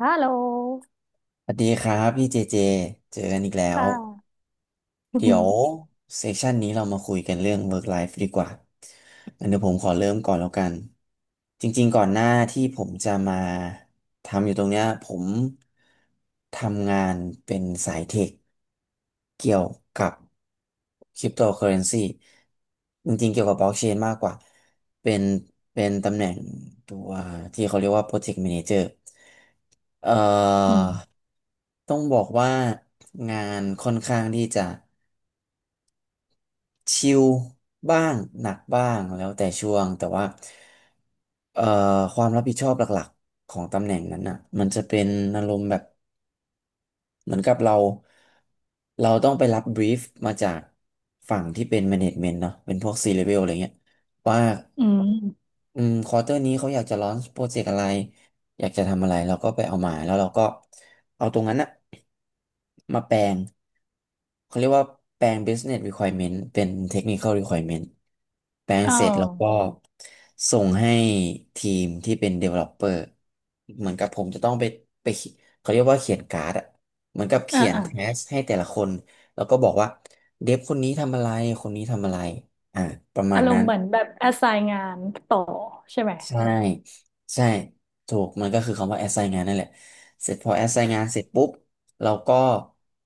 ฮัลโหลสวัสดีครับพี่เจเจ เจอกันอีกแล้คว่ะอืเดี๋ยมวเซสชันนี้เรามาคุยกันเรื่อง work life ดีกว่าอันเดี๋ยวผมขอเริ่มก่อนแล้วกันจริงๆก่อนหน้าที่ผมจะมาทำอยู่ตรงเนี้ยผมทำงานเป็นสายเทคเกี่ยวกับคริปโตเคอเรนซีจริงๆเกี่ยวกับบล็อกเชนมากกว่าเป็นเป็นตำแหน่งตัวที่เขาเรียกว่า Project Manager เอ่อือมต้องบอกว่างานค่อนข้างที่จะชิลบ้าง หนักบ้างแล้วแต่ช่วงแต่ว่า เอ่อความรับผิดชอบหลักๆของตำแหน่งนั้นน่ะ มันจะเป็นอารมณ์แบบ เหมือนกับเรา เราต้องไปรับบรีฟมาจากฝั่งที่เป็นแมเนจเมนต์เนาะเป็นพวกซีเลเวลอะไรเงี้ยว่า อืมอืมควอเตอร์นี้เขาอยากจะลอนโปรเจกต์อะไรอยากจะทำอะไรเราก็ไปเอามาแล้วเราก็เอาตรงนั้นอะมาแปลงเขาเรียกว่าแปลง business requirement เป็น technical requirement แปลงเออเสร็จแล้วก็ส่งให้ทีมที่เป็น developer เหมือนกับผมจะต้องไปไปเขียเขาเรียกว่าเขียนการ์ดอะเหมือนกับอ่าเขียนอ่าแทสให้แต่ละคนแล้วก็บอกว่าเดฟคนนี้ทำอะไรคนนี้ทำอะไรอ่าประมาอาณรนั้มน ณ์เหมือนแบบแอสไซน์งานต่อใช่ไหมใช่ใช่ถูกมันก็คือคำว่า assign งานนั่นแหละเสร็จพอ assign งานเสร็จปุ๊บเราก็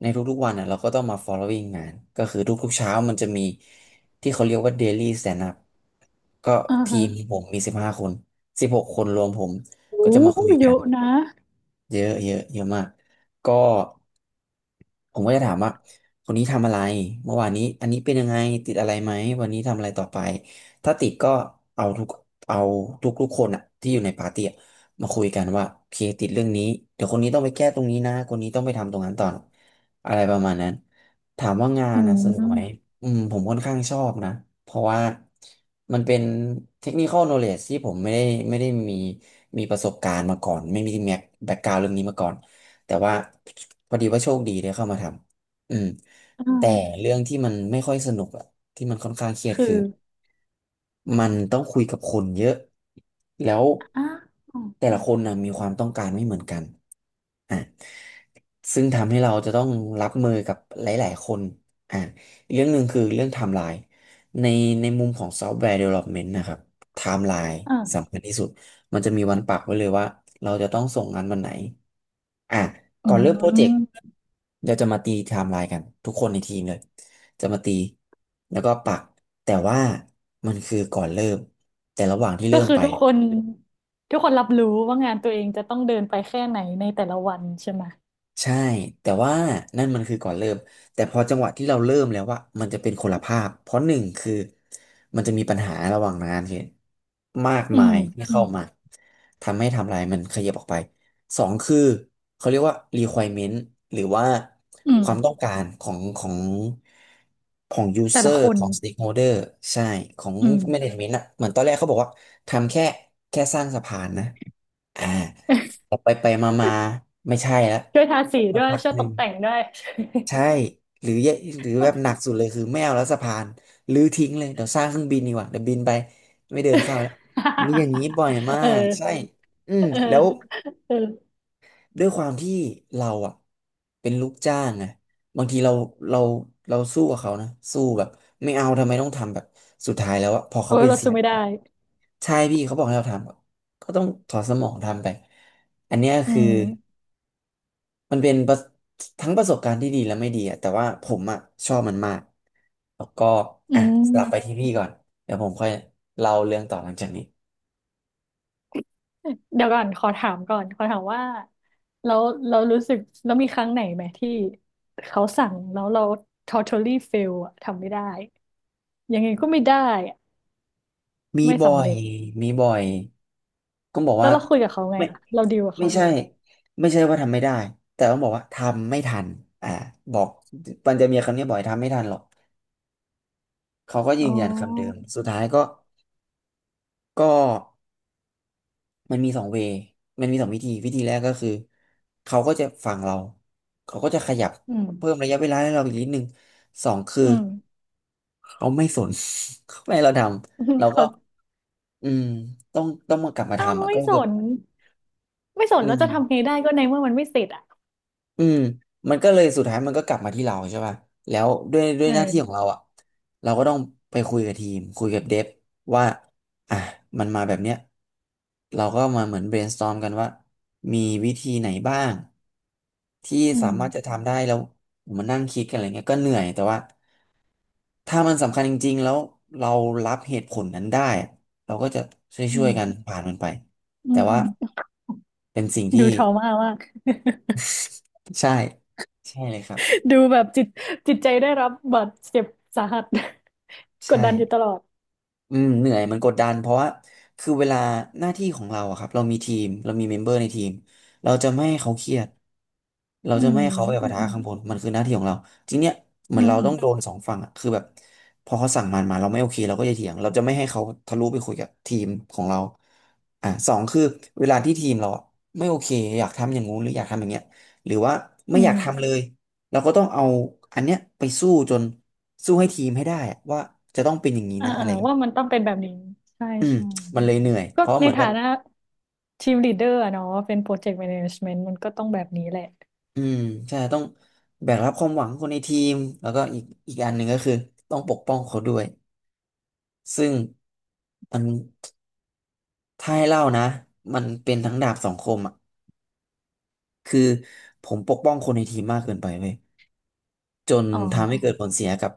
ในทุกๆวันอ่ะเราก็ต้องมา following งานก็คือทุกๆเช้ามันจะมีที่เขาเรียกว่า daily stand up ก็อ่าทีฮะมผมมี15 คน16 คนรวมผมก็โอ้จะมาคุยเยกันอะนะเยอะเยอะเยอะมากก็ ผมก็จะถามว่าคนนี้ทำอะไรเมื่อวานนี้อันนี้เป็นยังไงติดอะไรไหมวันนี้ทำอะไรต่อไปถ้าติดก็เอาทุกเอาทุกทุกคนอะที่อยู่ในปาร์ตี้อะมาคุยกันว่าโอเคติดเรื่องนี้เดี๋ยวคนนี้ต้องไปแก้ตรงนี้นะคนนี้ต้องไปทำตรงนั้นต่อนะอะไรประมาณนั้นถามว่างาอืนอะสนุกไหมมอืมผมค่อนข้างชอบนะเพราะว่ามันเป็น technical knowledge ที่ผมไม่ได้มีประสบการณ์มาก่อนไม่มีแบ็กกราวเรื่องนี้มาก่อน แต่ว่าพอดีว่าโชคดีได้เข้ามาทำอ่แต่าเรื่องที่มันไม่ค่อยสนุกอะที่มันค่อนข้างเครียดคือคือ มันต้องคุยกับคนเยอะ แล้วอ่าแต่ละคนนะมีความต้องการไม่เหมือนกันอ่ะซึ่งทำให้เราจะต้องรับมือกับหลายๆคนอ่ะอีกเรื่องหนึ่งคือเรื่องไทม์ไลน์ในในมุมของซอฟต์แวร์ Development นะครับไทม์ไลน์อ่าสำคัญที่สุด มันจะมีวันปักไว้เลยว่าเราจะต้องส่งงานวันไหนอ่ะอืก่อนเริ่มโปรเจกต์มเดี๋ยวจะมาตีไทม์ไลน์กันทุกคนในทีมเลย จะมาตีแล้วก็ปักแต่ว่ามันคือก่อนเริ่มแต่ระหว่างที่ก็เริ่มคือไป ทุกคนรับรู้ว่างานตัวเองจะต้องเดินไปแค่ไหนในแต่ละวันใช่ไหมใช่แต่ว่านั่นมันคือก่อนเริ่มแต่พอจังหวะที่เราเริ่มแล้วว่ามันจะเป็นคนละภาพเพราะหนึ่งคือมันจะมีปัญหาระหว่างงานคือมากอืมามยที่อืเข้ามมาทำให้ทำลายมันขยับออกไปสองคือเขาเรียกว่า requirement หรือว่าอืคมวามต้องการของของ แต่ละ user คนของ stakeholder ใช่ของ อืม management อ่ะเหมือนตอนแรกเขาบอกว่าทำแค่สร้างสะพานนะอ่าไปไปมาไม่ใช่แล้ว ช่วยทาสีสัด้กวยพักช่วยหตนึ่กงแต่งด้วย ใช่หรือแย่หรือแบบหนักสุดเลยคือไม่เอาแล้วสะพานรื้อทิ้งเลยเดี๋ยวสร้างเครื่องบินดีกว่าเดี๋ยวบินไปไม่เดินข้ามแล้วมีอย่างนี้บ่อยมาเอกใช่ออืมเออแล้วเออด้วยความที่เราอ่ะเป็นลูกจ้างไงบางทีเราเราสู้กับเขานะสู้แบบไม่เอาทำไมต้องทำแบบสุดท้ายแล้วอะพอโอ้เขายเป็นเราสิ่สู้งไม่ได้อะใช่พี่เขาบอกให้เราทำอะก็ต้องถอดสมองทำไปอันเนี้ยอืคือ มมันเป็นประทั้งประสบการณ์ที่ดีและไม่ดีอะแต่ว่าผมอะชอบมันมากแล้วก็อือ่ะสลับไปมที่พี่ก่อนเดี๋ยวผมค่อยเล่าเรื่องต่อหลังจากนี้เดี๋ยวก่อนขอถามก่อนขอถามว่าแล้วเรารู้สึกแล้วมีครั้งไหนไหมที่เขาสั่งแล้วเรา totally fail อะทำไม่ได้ยังไงก็ไม่ได้อะมีไม่บ่อสำยเร็จมีบ่อยก็บอกแล้ว่าวเราคุยกับเขาไงไม่อะเราดีลกับไม่เขาใช่ไงไม่ใช่ว่าทำไม่ได้ แต่ต้องบอกว่าทำไม่ทันอ่าบอกมันจะมีคำนี้บ่อยทำไม่ทันหรอก เขาก็ยือ๋นยันคำเดิอม สุดท้ายก็ มันมีสองเวย์มันมีสองวิธีวิธีแรกก็คือเขาก็จะฟังเราเขาก็จะขยับอืมเพิ่มระยะเวลาให้เราอีกนิดนึงสองคืออืมเขาไม่สน เขาไม่ให้เราทำเราเขาก็อืมต้องมากลับมาเอ้าทำอ่ะไม่ก็สคือนไม่สนอืแล้วจะทำม ไงได้ก็ในเมื่อมันไม่เสร็จอ่ะอืมมันก็เลยสุดท้ายมันก็กลับมาที่เราใช่ป่ะแล้วด้วยด้วเอยหน้าที่ของอเราอ่ะเราก็ต้องไปคุยกับทีมคุยกับเดฟว่าอ่ะมันมาแบบเนี้ยเราก็มาเหมือน brainstorm กันว่ามีวิธีไหนบ้างที่อืสามมารถจะทำได้แล้วมานั่งคิดกันอะไรเงี้ยก็เหนื่อยแต่ว่าถ้ามันสำคัญจริงๆแล้วเรารับเหตุผลนั้นได้เราก็จะชอื่วยมๆกันผ่านมันไปอืแต่มอืว่าม เป็นสิ่งดูที่ทรมามากใช่ใช่เลยครับดูแบบจิตใจได้รับบาดเจ็บสาหัส กดใช่ ดันอยู่ตลอดอืมเหนื่อยมันกดดันเพราะว่าคือเวลาหน้าที่ของเราอะครับเรามีทีมเรามีเมมเบอร์ในทีมเราจะไม่ให้เขาเครียดเราอืจะไม่มให้เขาไปอืปะทะมข้างบนมันคือหน้าที่ของเราทีเนี้ยเหมือือนมเราต้องโดนสองฝั่งอะคือแบบพอเขาสั่งมันมาเราไม่โอเคเราก็จะเถียงเราจะไม่ให้เขาทะลุไปคุยกับทีมของเราอ่ะสองคือเวลาที่ทีมเราอะไม่โอเคอยากทำอย่างงู้นหรืออยากทำอย่างเงี้ยหรือว่าอืไม่อยากมทำเลยเราก็ต้องเอาอันเนี้ยไปสู้จนสู้ให้ทีมให้ได้อะว่าจะต้องเป็นอย่างนี้อ่านะอะอ่าไร ว่ามันต้องเป็นแบบนี้ใช่อืมใช่มันเลยเหนื่อยก็เพราะในเหมือนกัฐาบนะทีมลีดเดอร์อะเนาะเป็นโปรเจกต์แมเนจเมนต์มันก็ต้องแบบนี้แหละอืมใช่ต้องแบกรับความหวังคนในทีมแล้วก็อีกอันหนึ่งก็คือต้องปกป้องเขาด้วยซึ่งมันถ้าให้เล่านะมันเป็นทั้งดาบสองคมอ่ะคือผมปกป้องคนในทีมมากเกินไปเว้ยจนอ๋ทำให้เกิดอผลเสียกับ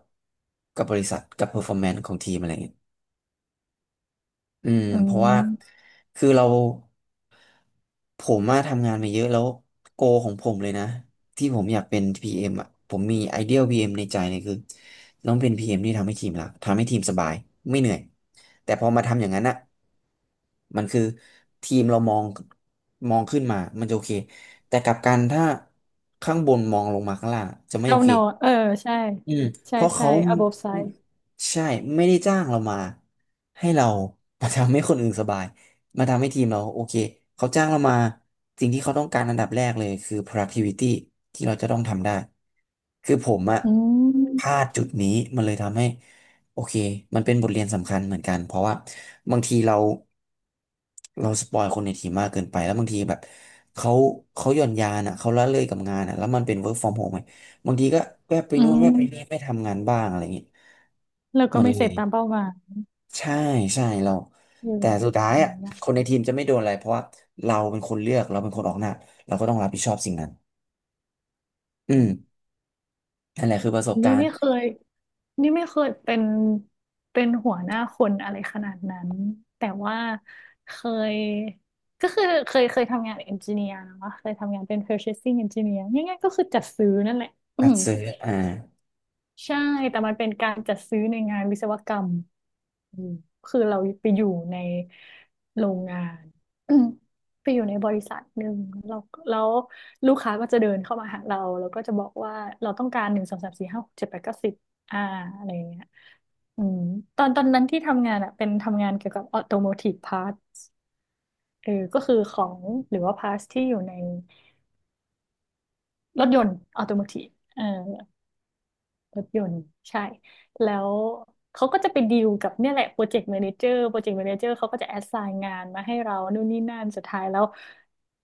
บริษัทกับ performance ของทีมอะไรเงี้ย อืมอืเพราะว่ามคือเราผมมาทำงานมาเยอะแล้วโกของผมเลยนะที่ผมอยากเป็น PM อมอ่ะผมมีไอเดีย PM ในใจเลยคือต้องเป็น PM ที่ทำให้ทีมรักทำให้ทีมสบายไม่เหนื่อยแต่พอมาทำอย่างนั้นอ่ะมันคือทีมเรามองมองขึ้นมามันจะโอเคแต่กลับกันถ้าข้างบนมองลงมาข้างล่างจะไม่โอเจ้าเค หนอเออใช่อืมเพใช่ราะใช่ เขา above side ใช่ไม่ได้จ้างเรามาให้เรามาทำให้คนอื่นสบายมาทำให้ทีมเราโอเคเขาจ้างเรามาสิ่งที่เขาต้องการอันดับแรกเลยคือ productivity ที่เราจะต้องทำได้คือผมอะอืพลามดจุดนี้มันเลยทำให้โอเคมันเป็นบทเรียนสำคัญเหมือนกันเพราะว่าบางทีเราสปอยคนในทีมมากเกินไปแล้วบางทีแบบเขาหย่อนยานอะเขาละเลยกับงานอะแล้วมันเป็น work from home ไง บางทีก็แวบไปอืนู่นแวบมไปนี่ไม่ทำงานบ้างอะไรอย่างงี้แล้วก็มันไม่เสเลร็จยตามเป้าหมายใช่ใช่เราอืมแต่สุดท้ายอย่าอ่ะงเงี้ย คนในทีมจะไม่โดนอะไรเพราะว่าเราเป็นคนเลือกเราเป็นคนออกหน้าเราก็ต้องรับผิดชอบสิ่งนั้นอืมนั่นแหละคือประสบนี่การไม่ณ์เคยนี่ไม่เคยเป็นหัวหน้าคนอะไรขนาดนั้นแต่ว่าเคยก็คือเคยทำงานเอนจิเนียร์นะเคยทำงานเป็น purchasing engineer ง่ายๆก็คือจัดซื้อนั่นแหละ อั ดซื้ออ่าใช่แต่มันเป็นการจัดซื้อในงานวิศวกรรมอืมคือเราไปอยู่ในโรงงาน ไปอยู่ในบริษัทหนึ่งเราแล้วลูกค้าก็จะเดินเข้ามาหาเราแล้วก็จะบอกว่าเราต้องการหนึ่งสองสามสี่ห้าหกเจ็ดแปดเก้าสิบอ่าอะไรอย่างเงี้ยอืมตอนนั้นที่ทำงานอ่ะเป็นทำงานเกี่ยวกับออโตโมทีฟพาร์ทเออก็คือของหรือว่าพาร์ทที่อยู่ในรถยนต์ออโตโมทีฟเออ รถยนต์ใช่แล้วเขาก็จะไปดีลกับเนี่ยแหละโปรเจกต์แมเนเจอร์โปรเจกต์แมเนเจอร์เขาก็จะแอสไซน์งานมาให้เรานู่นนี่นั่นสุดท้ายแล้ว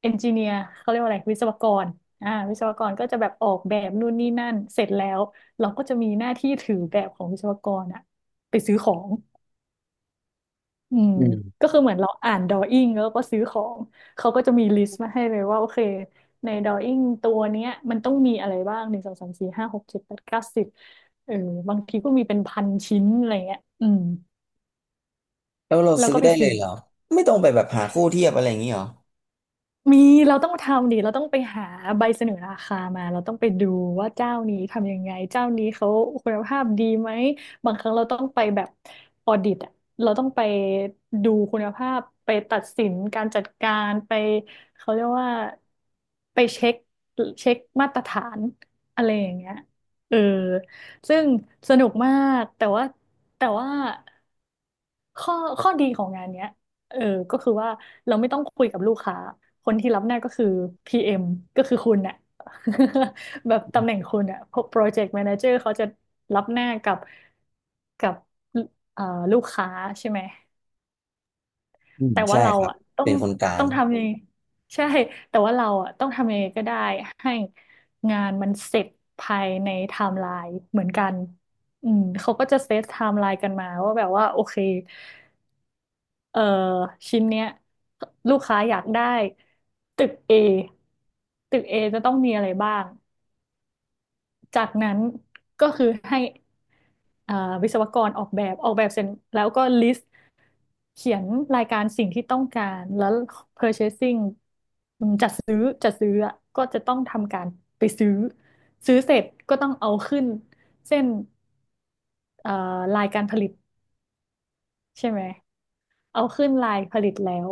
เอนจิเนียร์เขาเรียกว่าอะไรวิศวกรวิศวกรก็จะแบบออกแบบนู่นนี่นั่นเสร็จแล้วเราก็จะมีหน้าที่ถือแบบของวิศวกรอะไปซื้อของ อืมอืมก็คือเหมือนเราอ่านดอออิง g แล้วก็ซื้อของเขาก็จะมีลิสต์มาให้เลยว่าโอเคในดอออิงตัวเนี้ยมันต้องมีอะไรบ้างหนึ่งสองสามสี่ห้าหกเจ็ดแปดเก้าสิบเออบางทีก็มีเป็นพันชิ้นอะไรเงี้ยอืมแล้วเราแล้วซื้อก็ไปได้เลซื้อ ยเหรอไม่ต้องไปแบบหาคู่เทียบอะไรอย่างนี้เหรอมีเราต้องทำดิเราต้องไปหาใบเสนอราคามาเราต้องไปดูว่าเจ้านี้ทำยังไงเจ้านี้เขาคุณภาพดีไหมบางครั้งเราต้องไปแบบออดิตอะเราต้องไปดูคุณภาพไปตัดสินการจัดการไปเขาเรียกว่าไปเช็คเช็คมาตรฐานอะไรอย่างเงี้ยเออซึ่งสนุกมากแต่ว่า ข้อข้อดีของงานเนี้ยเออก็คือว่าเราไม่ต้องคุยกับลูกค้าคนที่รับหน้าก็คือ PM ก็คือคุณน่ะ แบบตำแหน่งคุณน่ะ Project Manager เขาจะรับหน้ากับกับเอ่อลูกค้าใช่ไหมอืมแต่ว่าใช่เราครับอ่ะต้อเป็งนคนกลาต้งองทำยังไงใช่แต่ว่าเราอ่ะต้องทำยังไงก็ได้ให้งานมันเสร็จภายในไทม์ไลน์เหมือนกันอืมเขาก็จะเซตไทม์ไลน์กันมาว่าแบบว่าโอเค เอ่อชิ้นเนี้ยลูกค้าอยากได้ตึก A ตึก A จะต้องมีอะไรบ้างจากนั้นก็คือให้อ่าวิศวกรออกแบบออกแบบเสร็จแล้วก็ลิสต์เขียนรายการสิ่งที่ต้องการแล้ว purchasing อืมจัดซื้ออะก็จะต้องทำการไปซื้อซื้อเสร็จก็ต้องเอาขึ้นเส้นเอ่อลายการผลิตใช่ไหมเอาขึ้นลายผลิตแล้ว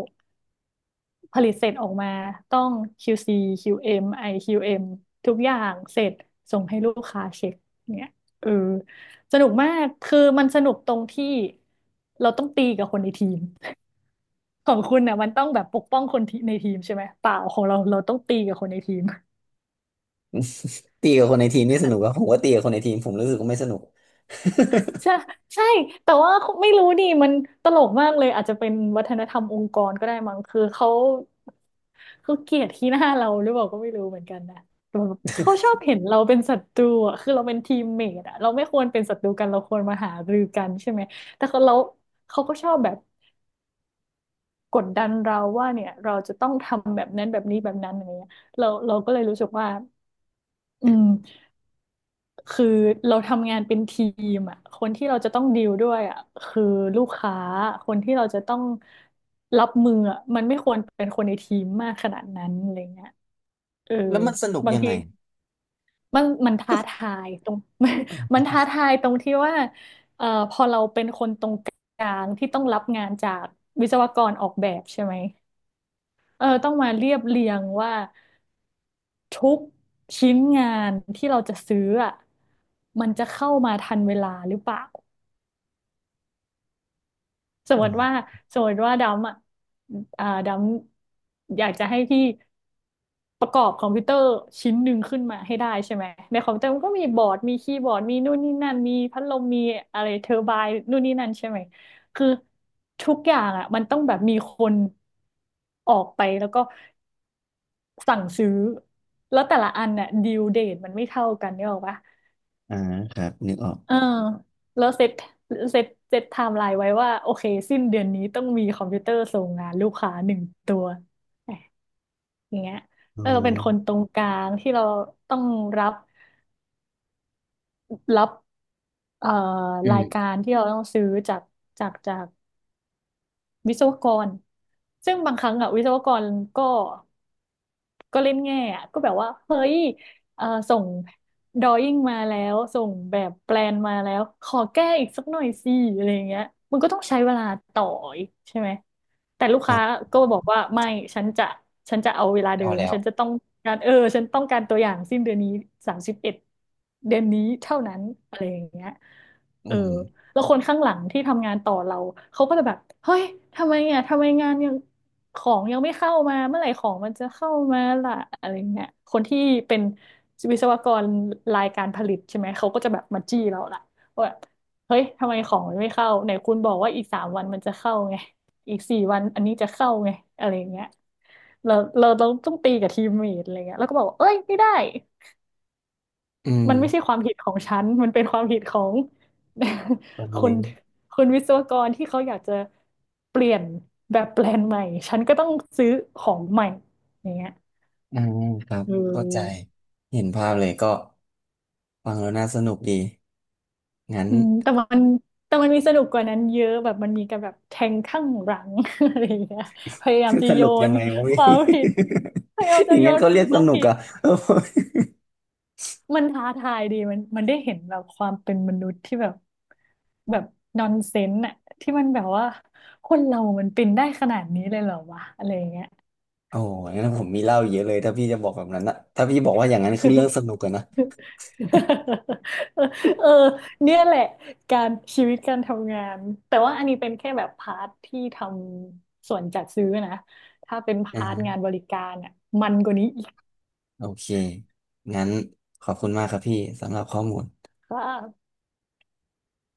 ผลิตเสร็จออกมาต้อง QC QM IQM ทุกอย่างเสร็จส่งให้ลูกค้าเช็คเนี่ยเออสนุกมากคือมันสนุกตรงที่เราต้องตีกับคนในทีมของคุณเนี่ยมันต้องแบบปกป้องคนที่ในทีมใช่ไหมเปล่าของเราเราต้องตีกับคนในทีม ตีกับคนในทีมนี่สนุกอะผมว่าตีกับคนในทีมผมรู้สึกว่าไม่สนุกใช่ใช่แต่ว่าไม่รู้ดิมันตลกมากเลยอาจจะเป็นวัฒนธรรมองค์กรก็ได้มั้งคือเขาเกลียดขี้หน้าเราหรือเปล่าก็ไม่รู้เหมือนกันนะแต่แบบเขาชอบเห็นเราเป็นศัตรูอ่ะคือเราเป็นทีมเมทอ่ะเราไม่ควรเป็นศัตรูกันเราควรมาหารือกันใช่ไหมแต่เขาเราเขาก็ชอบแบบกดดันเราว่าเนี่ยเราจะต้องทำแบบนั้นแบบนี้แบบนั้นอะไรเงี้ยเราก็เลยรู้สึกว่าอืม คือเราทำงานเป็นทีมอ่ะคนที่เราจะต้องดีลด้วยอ่ะคือลูกค้าคนที่เราจะต้องรับมืออ่ะมันไม่ควรเป็นคนในทีมมากขนาดนั้นอะไรเงี้ยเออแล้วมันสนุกบางยังทีไงมันท้าทายตรง มัน อ๋ มัอนท้าทายตรงที่ว่าพอเราเป็นคนตรงกลางที่ต้องรับงานจากวิศวกรออกแบบใช่ไหมเออต้องมาเรียบเรียงว่าทุกชิ้นงานที่เราจะซื้ออะมันจะเข้ามาทันเวลาหรือเปล่า สมมอ๋อติว่าสมมติว่าดำอ่ะอ่าดำอยากจะให้พี่ประกอบคอมพิวเตอร์ชิ้นหนึ่งขึ้นมาให้ได้ใช่ไหมในคอมพิวเตอร์มันก็มีบอร์ดมีคีย์บอร์ดมีนู่นนี่นั่นมีพัดลมมีอะไรเทอร์ไบน์นู่นนี่นั่นใช่ไหมคือทุกอย่างอ่ะมันต้องแบบมีคนออกไปแล้วก็สั่งซื้อแล้วแต่ละอันน่ะดิวเดทมันไม่เท่ากันเนี่ยหรอกปะ อ่าครับนึกออกเออแล้วเซตไทม์ไลน์ไว้ว่าโอเคสิ้นเดือนนี้ต้องมีคอมพิวเตอร์ส่งงานลูกค้าหนึ่งตัวแหมอย่างเงี้ยอ๋อ แล้วเราเป็นคนตรงกลางที่เราต้องรับรับเอ่อรายการที่เราต้องซื้อจากจากจากวิศวกรซึ่งบางครั้งอะวิศวกรก็ ก็เล่นแง่อะก็แบบว่าเฮ้ยส่งดรอยิ่งมาแล้วส่งแบบแปลนมาแล้วขอแก้อีกสักหน่อยสิอะไรอย่างเงี้ยมันก็ต้องใช้เวลาต่ออีกใช่ไหมแต่ลูกค้าอ่ะก็บอกว่าไม่ฉันจะฉันจะเอาเวลาเดิเอามแล้วฉันจะต้องการเออฉันต้องการตัวอย่างสิ้นเดือนนี้31เดือนนี้เท่านั้นอะไรอย่างเงี้ยอืเออมแล้วคนข้างหลังที่ทำงานต่อเราเขาก็จะแบบเฮ้ยทำไมอ่ะทำไมงานยัง ของยังไม่เข้ามาเมื่อไหร่ของมันจะเข้ามาล่ะอะไรเงี้ยคนที่เป็นวิศวกรรายการผลิตใช่ไหมเขาก็จะแบบมาจี้เราล่ะว่าแบบเฮ้ยทำไมของมันไม่เข้าไหนคุณบอกว่าอีก3 วันมันจะเข้าไงอีก4 วันอันนี้จะเข้าไงอะไรเงี้ยเราต้องตีกับทีมเมทอะไรเงี้ยแล้วก็บอกว่าเอ้ยไม่ได้ อืมมันไม่ใช่ความผิดของฉัน มันเป็นความผิดของ แบบ คนี้นคนวิศวกรที่เขาอยากจะเปลี่ยนแบบแปลนใหม่ ฉันก็ต้องซื้อของใหม่อย่างเงี้ยอ่าครับอืเข้าใจมเห็นภาพเลยก็ฟังแล้วน่าสนุกดีงั้น อืมแต่มันมีสนุกกว่านั้นเยอะแบบมันมีการแบบแทงข้างหลัง อะไรอย่างเงี้ยพยายามจะ สโยนุกยันงไงวะ คพี่ วามผิดพยายาม อจะย่างโยงั้นก็นเขาคเรียกสวามนุกผิด อ่ะ เออมันท้าทายดีมันมันได้เห็นแบบความเป็นมนุษย์ที่แบบแบบนอนเซนส์อะที่มันแบบว่าคนเรามันเป็นได้ขนาดนี้เลยเหรอวะอะไรอย่างเงี้ย โอ้โหงั้นผมมีเล่าเยอะเลยถ้าพี่จะบอกแบบนั้นนะถ้าพี่บอกว่าอย่างนั้นคือเรื่องสนุกกันนะ เออเนี่ยแหละการชีวิตการทำงานแต่ว่าอันนี้เป็นแค่แบบพาร์ทที่ทำส่วนจัดซื้อนะถ้าเป็นพาร์ทงาอ่านบริการอ่ะมันกว่านี้อีก โอเคงั้นขอบคุณมากครับพี่สำหรับข้อมูล ค่ะ